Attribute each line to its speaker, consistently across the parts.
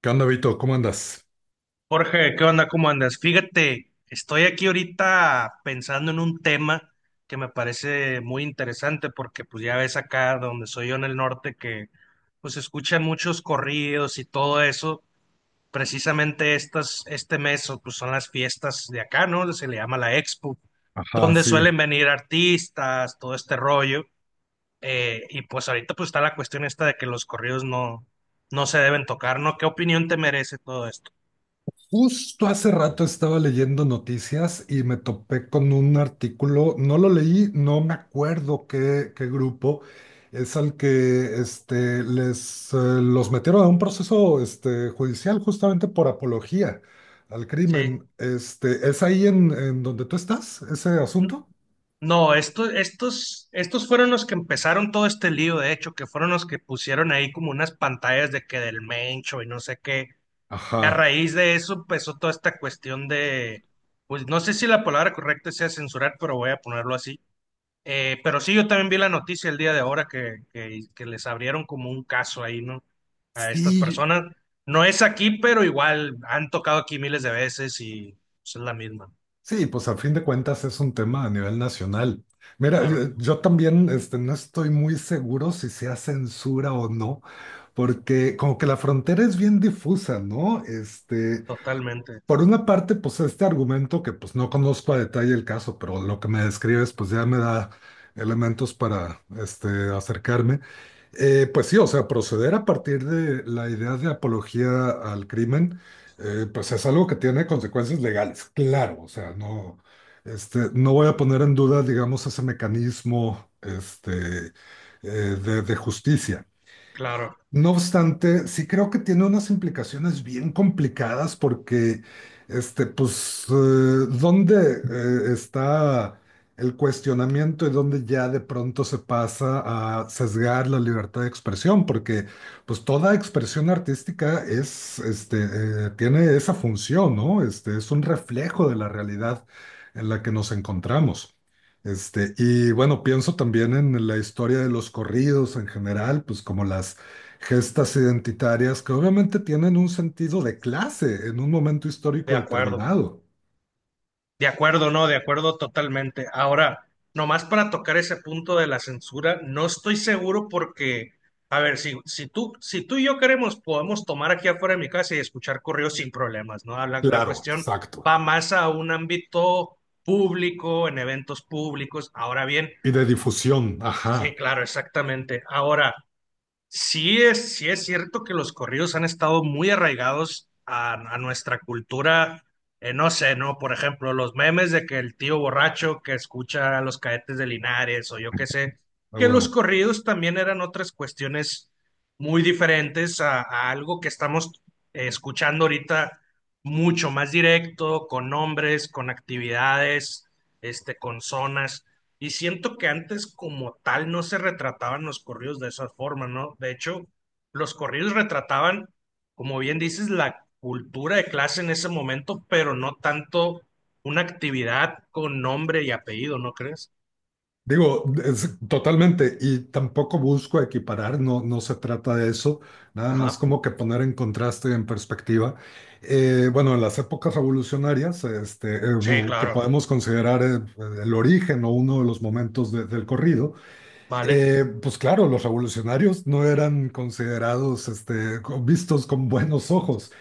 Speaker 1: ¿Qué onda, Vito? ¿Cómo andas?
Speaker 2: Jorge, ¿qué onda? ¿Cómo andas? Fíjate, estoy aquí ahorita pensando en un tema que me parece muy interesante porque pues ya ves acá donde soy yo en el norte que pues escuchan muchos corridos y todo eso. Precisamente este mes o, pues son las fiestas de acá, ¿no? Se le llama la Expo,
Speaker 1: Ajá,
Speaker 2: donde
Speaker 1: sí.
Speaker 2: suelen venir artistas, todo este rollo. Y pues ahorita pues está la cuestión esta de que los corridos no se deben tocar, ¿no? ¿Qué opinión te merece todo esto?
Speaker 1: Justo hace rato estaba leyendo noticias y me topé con un artículo, no lo leí, no me acuerdo qué, qué grupo, es al que los metieron a un proceso judicial justamente por apología al
Speaker 2: Sí.
Speaker 1: crimen. ¿Es ahí en donde tú estás, ese asunto?
Speaker 2: No, estos fueron los que empezaron todo este lío, de hecho, que fueron los que pusieron ahí como unas pantallas de que del Mencho y no sé qué. Y a
Speaker 1: Ajá.
Speaker 2: raíz de eso empezó toda esta cuestión de, pues no sé si la palabra correcta sea censurar, pero voy a ponerlo así. Pero sí, yo también vi la noticia el día de ahora que les abrieron como un caso ahí, ¿no? A estas
Speaker 1: Sí,
Speaker 2: personas. No es aquí, pero igual han tocado aquí miles de veces y pues, es la misma.
Speaker 1: sí, pues al fin de cuentas es un tema a nivel nacional. Mira,
Speaker 2: Claro,
Speaker 1: yo también no estoy muy seguro si sea censura o no, porque como que la frontera es bien difusa, ¿no?
Speaker 2: totalmente,
Speaker 1: Por una parte, pues este argumento que pues no conozco a detalle el caso, pero lo que me describes pues ya me da elementos para acercarme. Pues sí, o sea, proceder a partir de la idea de apología al crimen, pues es algo que tiene consecuencias legales, claro, o sea, no, no voy a poner en duda, digamos, ese mecanismo eh, de justicia.
Speaker 2: claro,
Speaker 1: No obstante, sí creo que tiene unas implicaciones bien complicadas porque, pues, ¿dónde está el cuestionamiento y dónde ya de pronto se pasa a sesgar la libertad de expresión? Porque, pues, toda expresión artística es, tiene esa función, ¿no? Es un reflejo de la realidad en la que nos encontramos. Y bueno, pienso también en la historia de los corridos en general, pues como las gestas identitarias que obviamente tienen un sentido de clase en un momento
Speaker 2: de
Speaker 1: histórico
Speaker 2: acuerdo.
Speaker 1: determinado.
Speaker 2: De acuerdo, no, de acuerdo totalmente. Ahora, nomás para tocar ese punto de la censura, no estoy seguro porque, a ver, si tú y yo queremos, podemos tomar aquí afuera de mi casa y escuchar correos sin problemas, ¿no? La
Speaker 1: Claro,
Speaker 2: cuestión
Speaker 1: exacto.
Speaker 2: va más a un ámbito público, en eventos públicos. Ahora bien,
Speaker 1: Y de difusión,
Speaker 2: sí,
Speaker 1: ajá,
Speaker 2: claro, exactamente. Ahora, sí es cierto que los corridos han estado muy arraigados a nuestra cultura, no sé, ¿no? Por ejemplo, los memes de que el tío borracho que escucha a los cadetes de Linares o yo qué sé,
Speaker 1: a
Speaker 2: que los
Speaker 1: huevo.
Speaker 2: corridos también eran otras cuestiones muy diferentes a algo que estamos escuchando ahorita mucho más directo, con nombres, con actividades, este, con zonas. Y siento que antes como tal no se retrataban los corridos de esa forma, ¿no? De hecho, los corridos retrataban, como bien dices, la cultura de clase en ese momento, pero no tanto una actividad con nombre y apellido, ¿no crees?
Speaker 1: Digo, totalmente, y tampoco busco equiparar, no, no se trata de eso, nada más
Speaker 2: Ajá.
Speaker 1: como que poner en contraste y en perspectiva. Bueno, en las épocas revolucionarias,
Speaker 2: Sí,
Speaker 1: que
Speaker 2: claro.
Speaker 1: podemos considerar el origen o uno de los momentos del corrido.
Speaker 2: Vale,
Speaker 1: Pues claro, los revolucionarios no eran considerados, vistos con buenos ojos.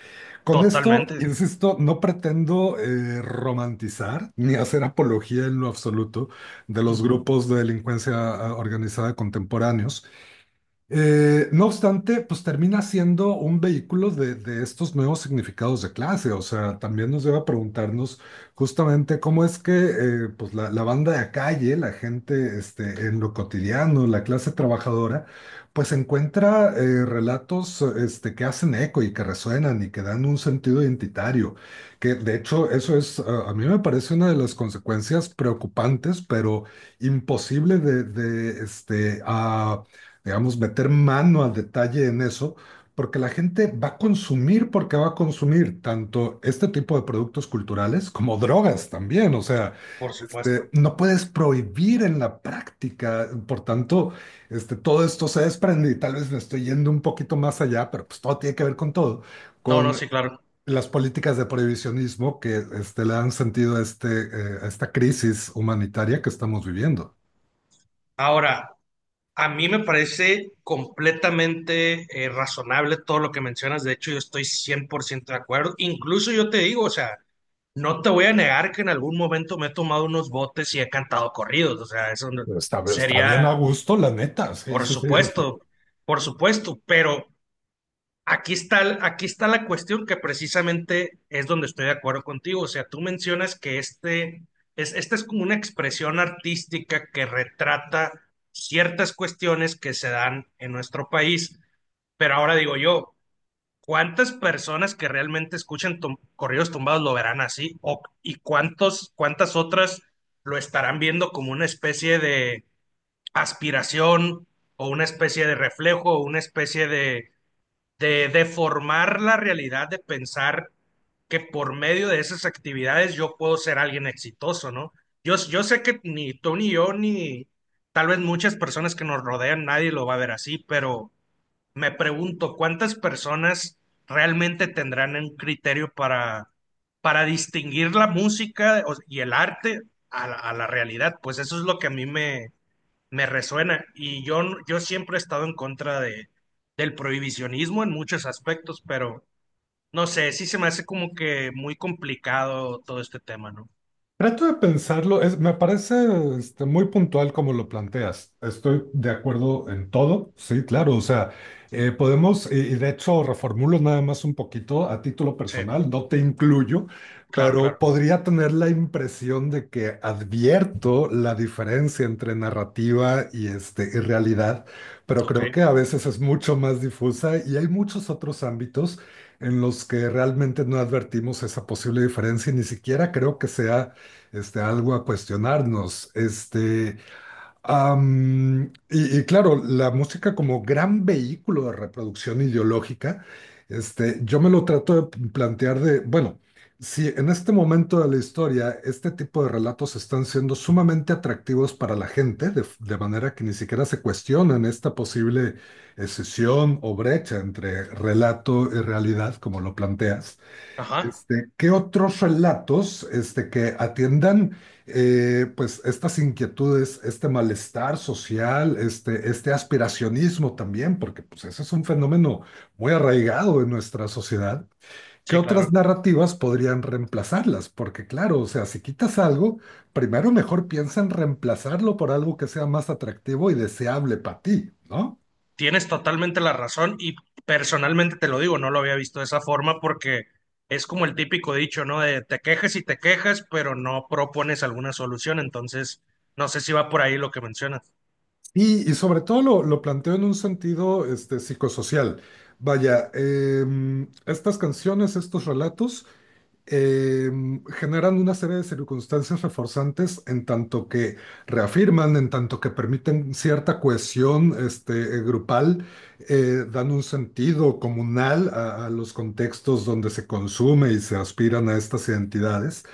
Speaker 1: Con esto,
Speaker 2: totalmente.
Speaker 1: insisto, no pretendo romantizar ni hacer apología en lo absoluto de los
Speaker 2: Ujú.
Speaker 1: grupos de delincuencia organizada contemporáneos. No obstante, pues termina siendo un vehículo de estos nuevos significados de clase. O sea, también nos lleva a preguntarnos justamente cómo es que pues la banda de calle, la gente en lo cotidiano, la clase trabajadora, pues encuentra relatos que hacen eco y que resuenan y que dan un sentido identitario. Que de hecho eso es, a mí me parece una de las consecuencias preocupantes, pero imposible de digamos, meter mano al detalle en eso, porque la gente va a consumir, porque va a consumir tanto este tipo de productos culturales como drogas también. O sea,
Speaker 2: Por supuesto.
Speaker 1: no puedes prohibir en la práctica. Por tanto, todo esto se desprende y tal vez me estoy yendo un poquito más allá, pero pues todo tiene que ver con todo.
Speaker 2: No, no,
Speaker 1: Con
Speaker 2: sí, claro.
Speaker 1: las políticas de prohibicionismo que le han sentido a, a esta crisis humanitaria que estamos viviendo.
Speaker 2: Ahora, a mí me parece completamente razonable todo lo que mencionas. De hecho, yo estoy 100% de acuerdo. Incluso yo te digo, o sea, no te voy a negar que en algún momento me he tomado unos botes y he cantado corridos, o sea, eso no-
Speaker 1: Está, está bien a
Speaker 2: sería,
Speaker 1: gusto, la neta, sí,
Speaker 2: por
Speaker 1: sí, sí.
Speaker 2: supuesto, por supuesto, pero aquí está, aquí está la cuestión que precisamente es donde estoy de acuerdo contigo, o sea, tú mencionas que esta es como una expresión artística que retrata ciertas cuestiones que se dan en nuestro país, pero ahora digo yo, ¿cuántas personas que realmente escuchan corridos tumbados lo verán así? ¿Y cuántas otras lo estarán viendo como una especie de aspiración o una especie de reflejo o una especie de deformar la realidad, de pensar que por medio de esas actividades yo puedo ser alguien exitoso, ¿no? Yo sé que ni tú ni yo, ni tal vez muchas personas que nos rodean, nadie lo va a ver así, pero me pregunto cuántas personas realmente tendrán un criterio para distinguir la música y el arte a la realidad. Pues eso es lo que a me resuena. Yo siempre he estado en contra de, del prohibicionismo en muchos aspectos, pero no sé, sí se me hace como que muy complicado todo este tema, ¿no?
Speaker 1: Trato de pensarlo, es, me parece muy puntual como lo planteas. Estoy de acuerdo en todo, sí, claro, o sea, podemos, y de hecho reformulo nada más un poquito a título
Speaker 2: Sí,
Speaker 1: personal, no te incluyo,
Speaker 2: claro,
Speaker 1: pero
Speaker 2: claro.
Speaker 1: podría tener la impresión de que advierto la diferencia entre narrativa y realidad, pero
Speaker 2: Ok.
Speaker 1: creo que a veces es mucho más difusa y hay muchos otros ámbitos en los que realmente no advertimos esa posible diferencia y ni siquiera creo que sea algo a cuestionarnos. Y claro, la música como gran vehículo de reproducción ideológica, yo me lo trato de plantear de, bueno, si en este momento de la historia este tipo de relatos están siendo sumamente atractivos para la gente, de manera que ni siquiera se cuestionan esta posible escisión o brecha entre relato y realidad, como lo planteas.
Speaker 2: Ajá.
Speaker 1: ¿Qué otros relatos que atiendan pues estas inquietudes, este malestar social, este aspiracionismo también, porque pues ese es un fenómeno muy arraigado en nuestra sociedad? ¿Qué
Speaker 2: Sí,
Speaker 1: otras
Speaker 2: claro.
Speaker 1: narrativas podrían reemplazarlas? Porque claro, o sea, si quitas algo, primero mejor piensa en reemplazarlo por algo que sea más atractivo y deseable para ti, ¿no?
Speaker 2: Tienes totalmente la razón y personalmente te lo digo, no lo había visto de esa forma porque es como el típico dicho, ¿no? De te quejas y te quejas, pero no propones alguna solución. Entonces, no sé si va por ahí lo que mencionas.
Speaker 1: Y sobre todo lo planteo en un sentido psicosocial. Vaya, estas canciones, estos relatos, generan una serie de circunstancias reforzantes en tanto que reafirman, en tanto que permiten cierta cohesión grupal, dan un sentido comunal a los contextos donde se consume y se aspiran a estas identidades.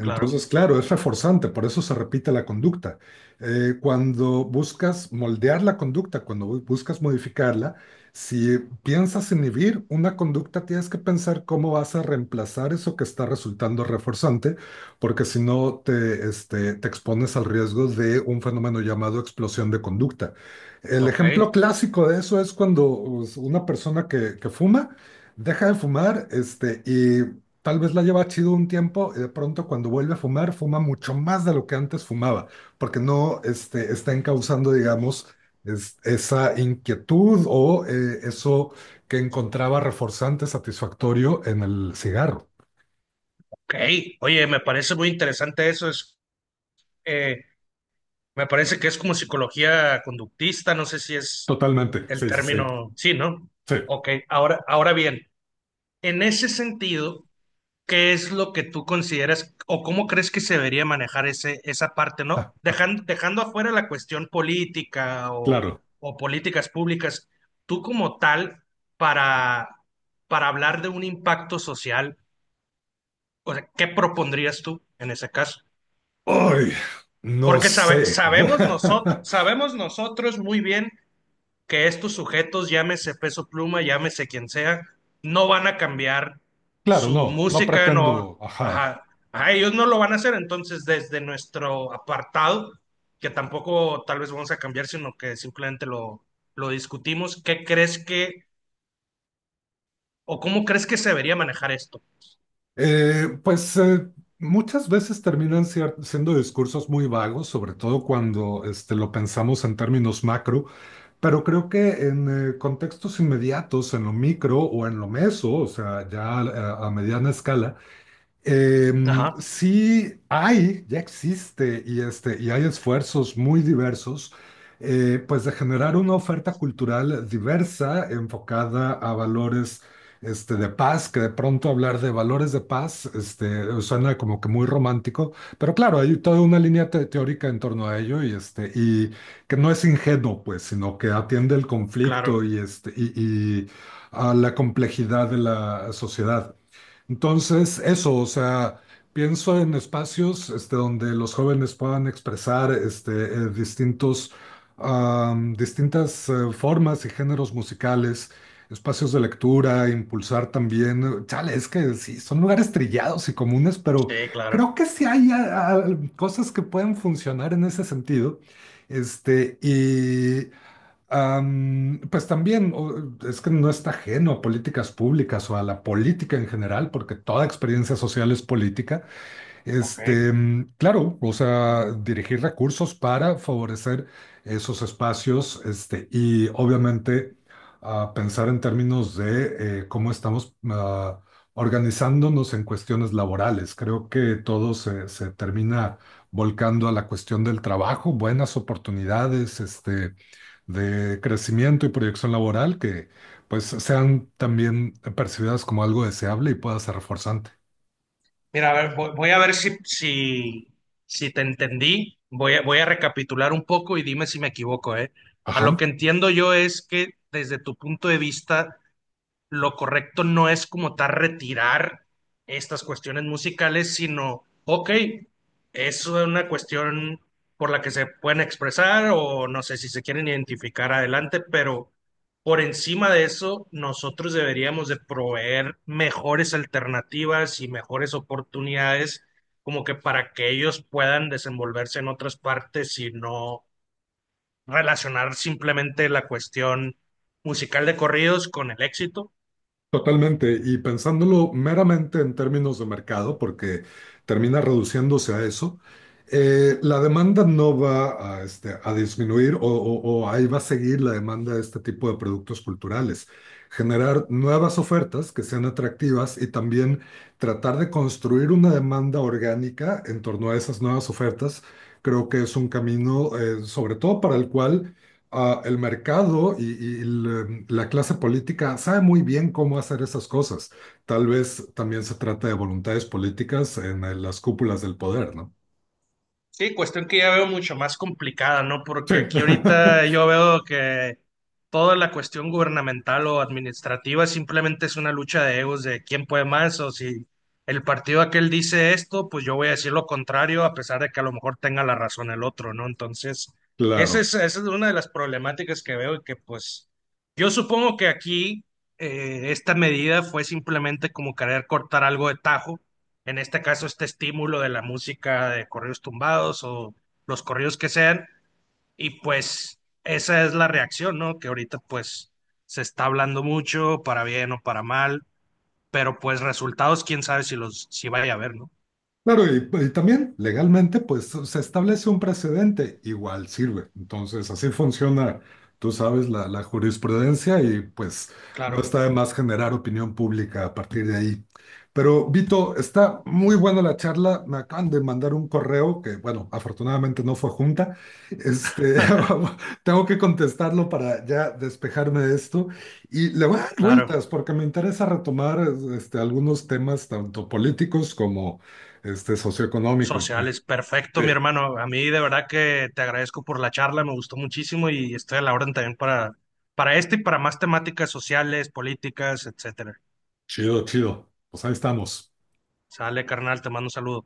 Speaker 2: Claro,
Speaker 1: claro, es reforzante, por eso se repite la conducta. Cuando buscas moldear la conducta, buscas modificarla, si piensas inhibir una conducta, tienes que pensar cómo vas a reemplazar eso que está resultando reforzante, porque si no te, te expones al riesgo de un fenómeno llamado explosión de conducta. El
Speaker 2: ok,
Speaker 1: ejemplo clásico de eso es cuando pues, una persona que fuma deja de fumar, y tal vez la lleva chido un tiempo y de pronto cuando vuelve a fumar, fuma mucho más de lo que antes fumaba, porque no está encauzando, digamos, esa inquietud o eso que encontraba reforzante, satisfactorio en el cigarro.
Speaker 2: ok. Oye, me parece muy interesante eso. Eh, me parece que es como psicología conductista, no sé si es
Speaker 1: Totalmente,
Speaker 2: el
Speaker 1: sí, sí, sí,
Speaker 2: término, sí, ¿no?
Speaker 1: sí,
Speaker 2: Ok, ahora, ahora bien, en ese sentido, ¿qué es lo que tú consideras o cómo crees que se debería manejar esa parte, ¿no? Dejando afuera la cuestión política
Speaker 1: claro.
Speaker 2: o políticas públicas, tú como tal, para, para hablar de un impacto social, o sea, ¿qué propondrías tú en ese caso?
Speaker 1: ¡Ay! No
Speaker 2: Porque
Speaker 1: sé.
Speaker 2: sabemos nosotros muy bien que estos sujetos, llámese Peso Pluma, llámese quien sea, no van a cambiar
Speaker 1: Claro,
Speaker 2: su
Speaker 1: no, no
Speaker 2: música, no,
Speaker 1: pretendo, ajá.
Speaker 2: ajá, ajá, ellos no lo van a hacer, entonces desde nuestro apartado, que tampoco tal vez vamos a cambiar, sino que simplemente lo discutimos, ¿qué crees que, o cómo crees que se debería manejar esto?
Speaker 1: Eh, pues eh, Muchas veces terminan siendo discursos muy vagos, sobre todo cuando lo pensamos en términos macro, pero creo que en contextos inmediatos, en lo micro o en lo meso, o sea, ya a mediana escala,
Speaker 2: Ajá,
Speaker 1: sí hay, ya existe, y hay esfuerzos muy diversos, pues de generar una oferta cultural diversa, enfocada a valores de paz, que de pronto hablar de valores de paz suena como que muy romántico, pero claro, hay toda una línea teórica en torno a ello que no es ingenuo, pues, sino que atiende el conflicto
Speaker 2: claro,
Speaker 1: y a la complejidad de la sociedad. Entonces, eso, o sea, pienso en espacios donde los jóvenes puedan expresar distintos, distintas formas y géneros musicales, espacios de lectura, impulsar también. Chale, es que sí, son lugares trillados y comunes, pero
Speaker 2: sí, claro.
Speaker 1: creo que sí hay cosas que pueden funcionar en ese sentido. Este, y. Pues también es que no está ajeno a políticas públicas o a la política en general, porque toda experiencia social es política.
Speaker 2: Ok.
Speaker 1: Claro, o sea, dirigir recursos para favorecer esos espacios, y obviamente pensar en términos de cómo estamos organizándonos en cuestiones laborales. Creo que todo se termina volcando a la cuestión del trabajo, buenas oportunidades, de crecimiento y proyección laboral que pues sean también percibidas como algo deseable y pueda ser reforzante.
Speaker 2: Mira, a ver, voy, voy a ver si te entendí. Voy a, voy a recapitular un poco y dime si me equivoco, ¿eh? A lo
Speaker 1: Ajá.
Speaker 2: que entiendo yo es que desde tu punto de vista, lo correcto no es como tal retirar estas cuestiones musicales, sino, ok, es una cuestión por la que se pueden expresar o no sé si se quieren identificar adelante, pero por encima de eso, nosotros deberíamos de proveer mejores alternativas y mejores oportunidades como que para que ellos puedan desenvolverse en otras partes y no relacionar simplemente la cuestión musical de corridos con el éxito.
Speaker 1: Totalmente, y pensándolo meramente en términos de mercado, porque termina reduciéndose a eso, la demanda no va a, a disminuir o ahí va a seguir la demanda de este tipo de productos culturales. Generar nuevas ofertas que sean atractivas y también tratar de construir una demanda orgánica en torno a esas nuevas ofertas, creo que es un camino, sobre todo para el cual el mercado y la clase política sabe muy bien cómo hacer esas cosas. Tal vez también se trata de voluntades políticas en las cúpulas del poder, ¿no?
Speaker 2: Sí, cuestión que ya veo mucho más complicada, ¿no?
Speaker 1: Sí,
Speaker 2: Porque aquí ahorita yo veo que toda la cuestión gubernamental o administrativa simplemente es una lucha de egos de quién puede más o si el partido aquel dice esto, pues yo voy a decir lo contrario a pesar de que a lo mejor tenga la razón el otro, ¿no? Entonces,
Speaker 1: claro.
Speaker 2: esa es una de las problemáticas que veo y que pues yo supongo que aquí esta medida fue simplemente como querer cortar algo de tajo en este caso este estímulo de la música de corridos tumbados o los corridos que sean, y pues esa es la reacción, ¿no? Que ahorita pues se está hablando mucho, para bien o para mal, pero pues resultados, quién sabe si los, si vaya a haber, ¿no?
Speaker 1: Claro, y también legalmente, pues se establece un precedente, igual sirve. Entonces, así funciona, tú sabes, la jurisprudencia y pues no
Speaker 2: Claro,
Speaker 1: está de más generar opinión pública a partir de ahí. Pero, Vito, está muy buena la charla. Me acaban de mandar un correo que, bueno, afortunadamente no fue junta. Este, tengo que contestarlo para ya despejarme de esto. Y le voy a dar
Speaker 2: claro.
Speaker 1: vueltas porque me interesa retomar algunos temas tanto políticos como socioeconómicos. Claro.
Speaker 2: Sociales, perfecto,
Speaker 1: Sí,
Speaker 2: mi hermano. A mí de verdad que te agradezco por la charla, me gustó muchísimo y estoy a la orden también para este y para más temáticas sociales, políticas, etcétera.
Speaker 1: chido, chido. Pues ahí estamos.
Speaker 2: Sale, carnal, te mando un saludo.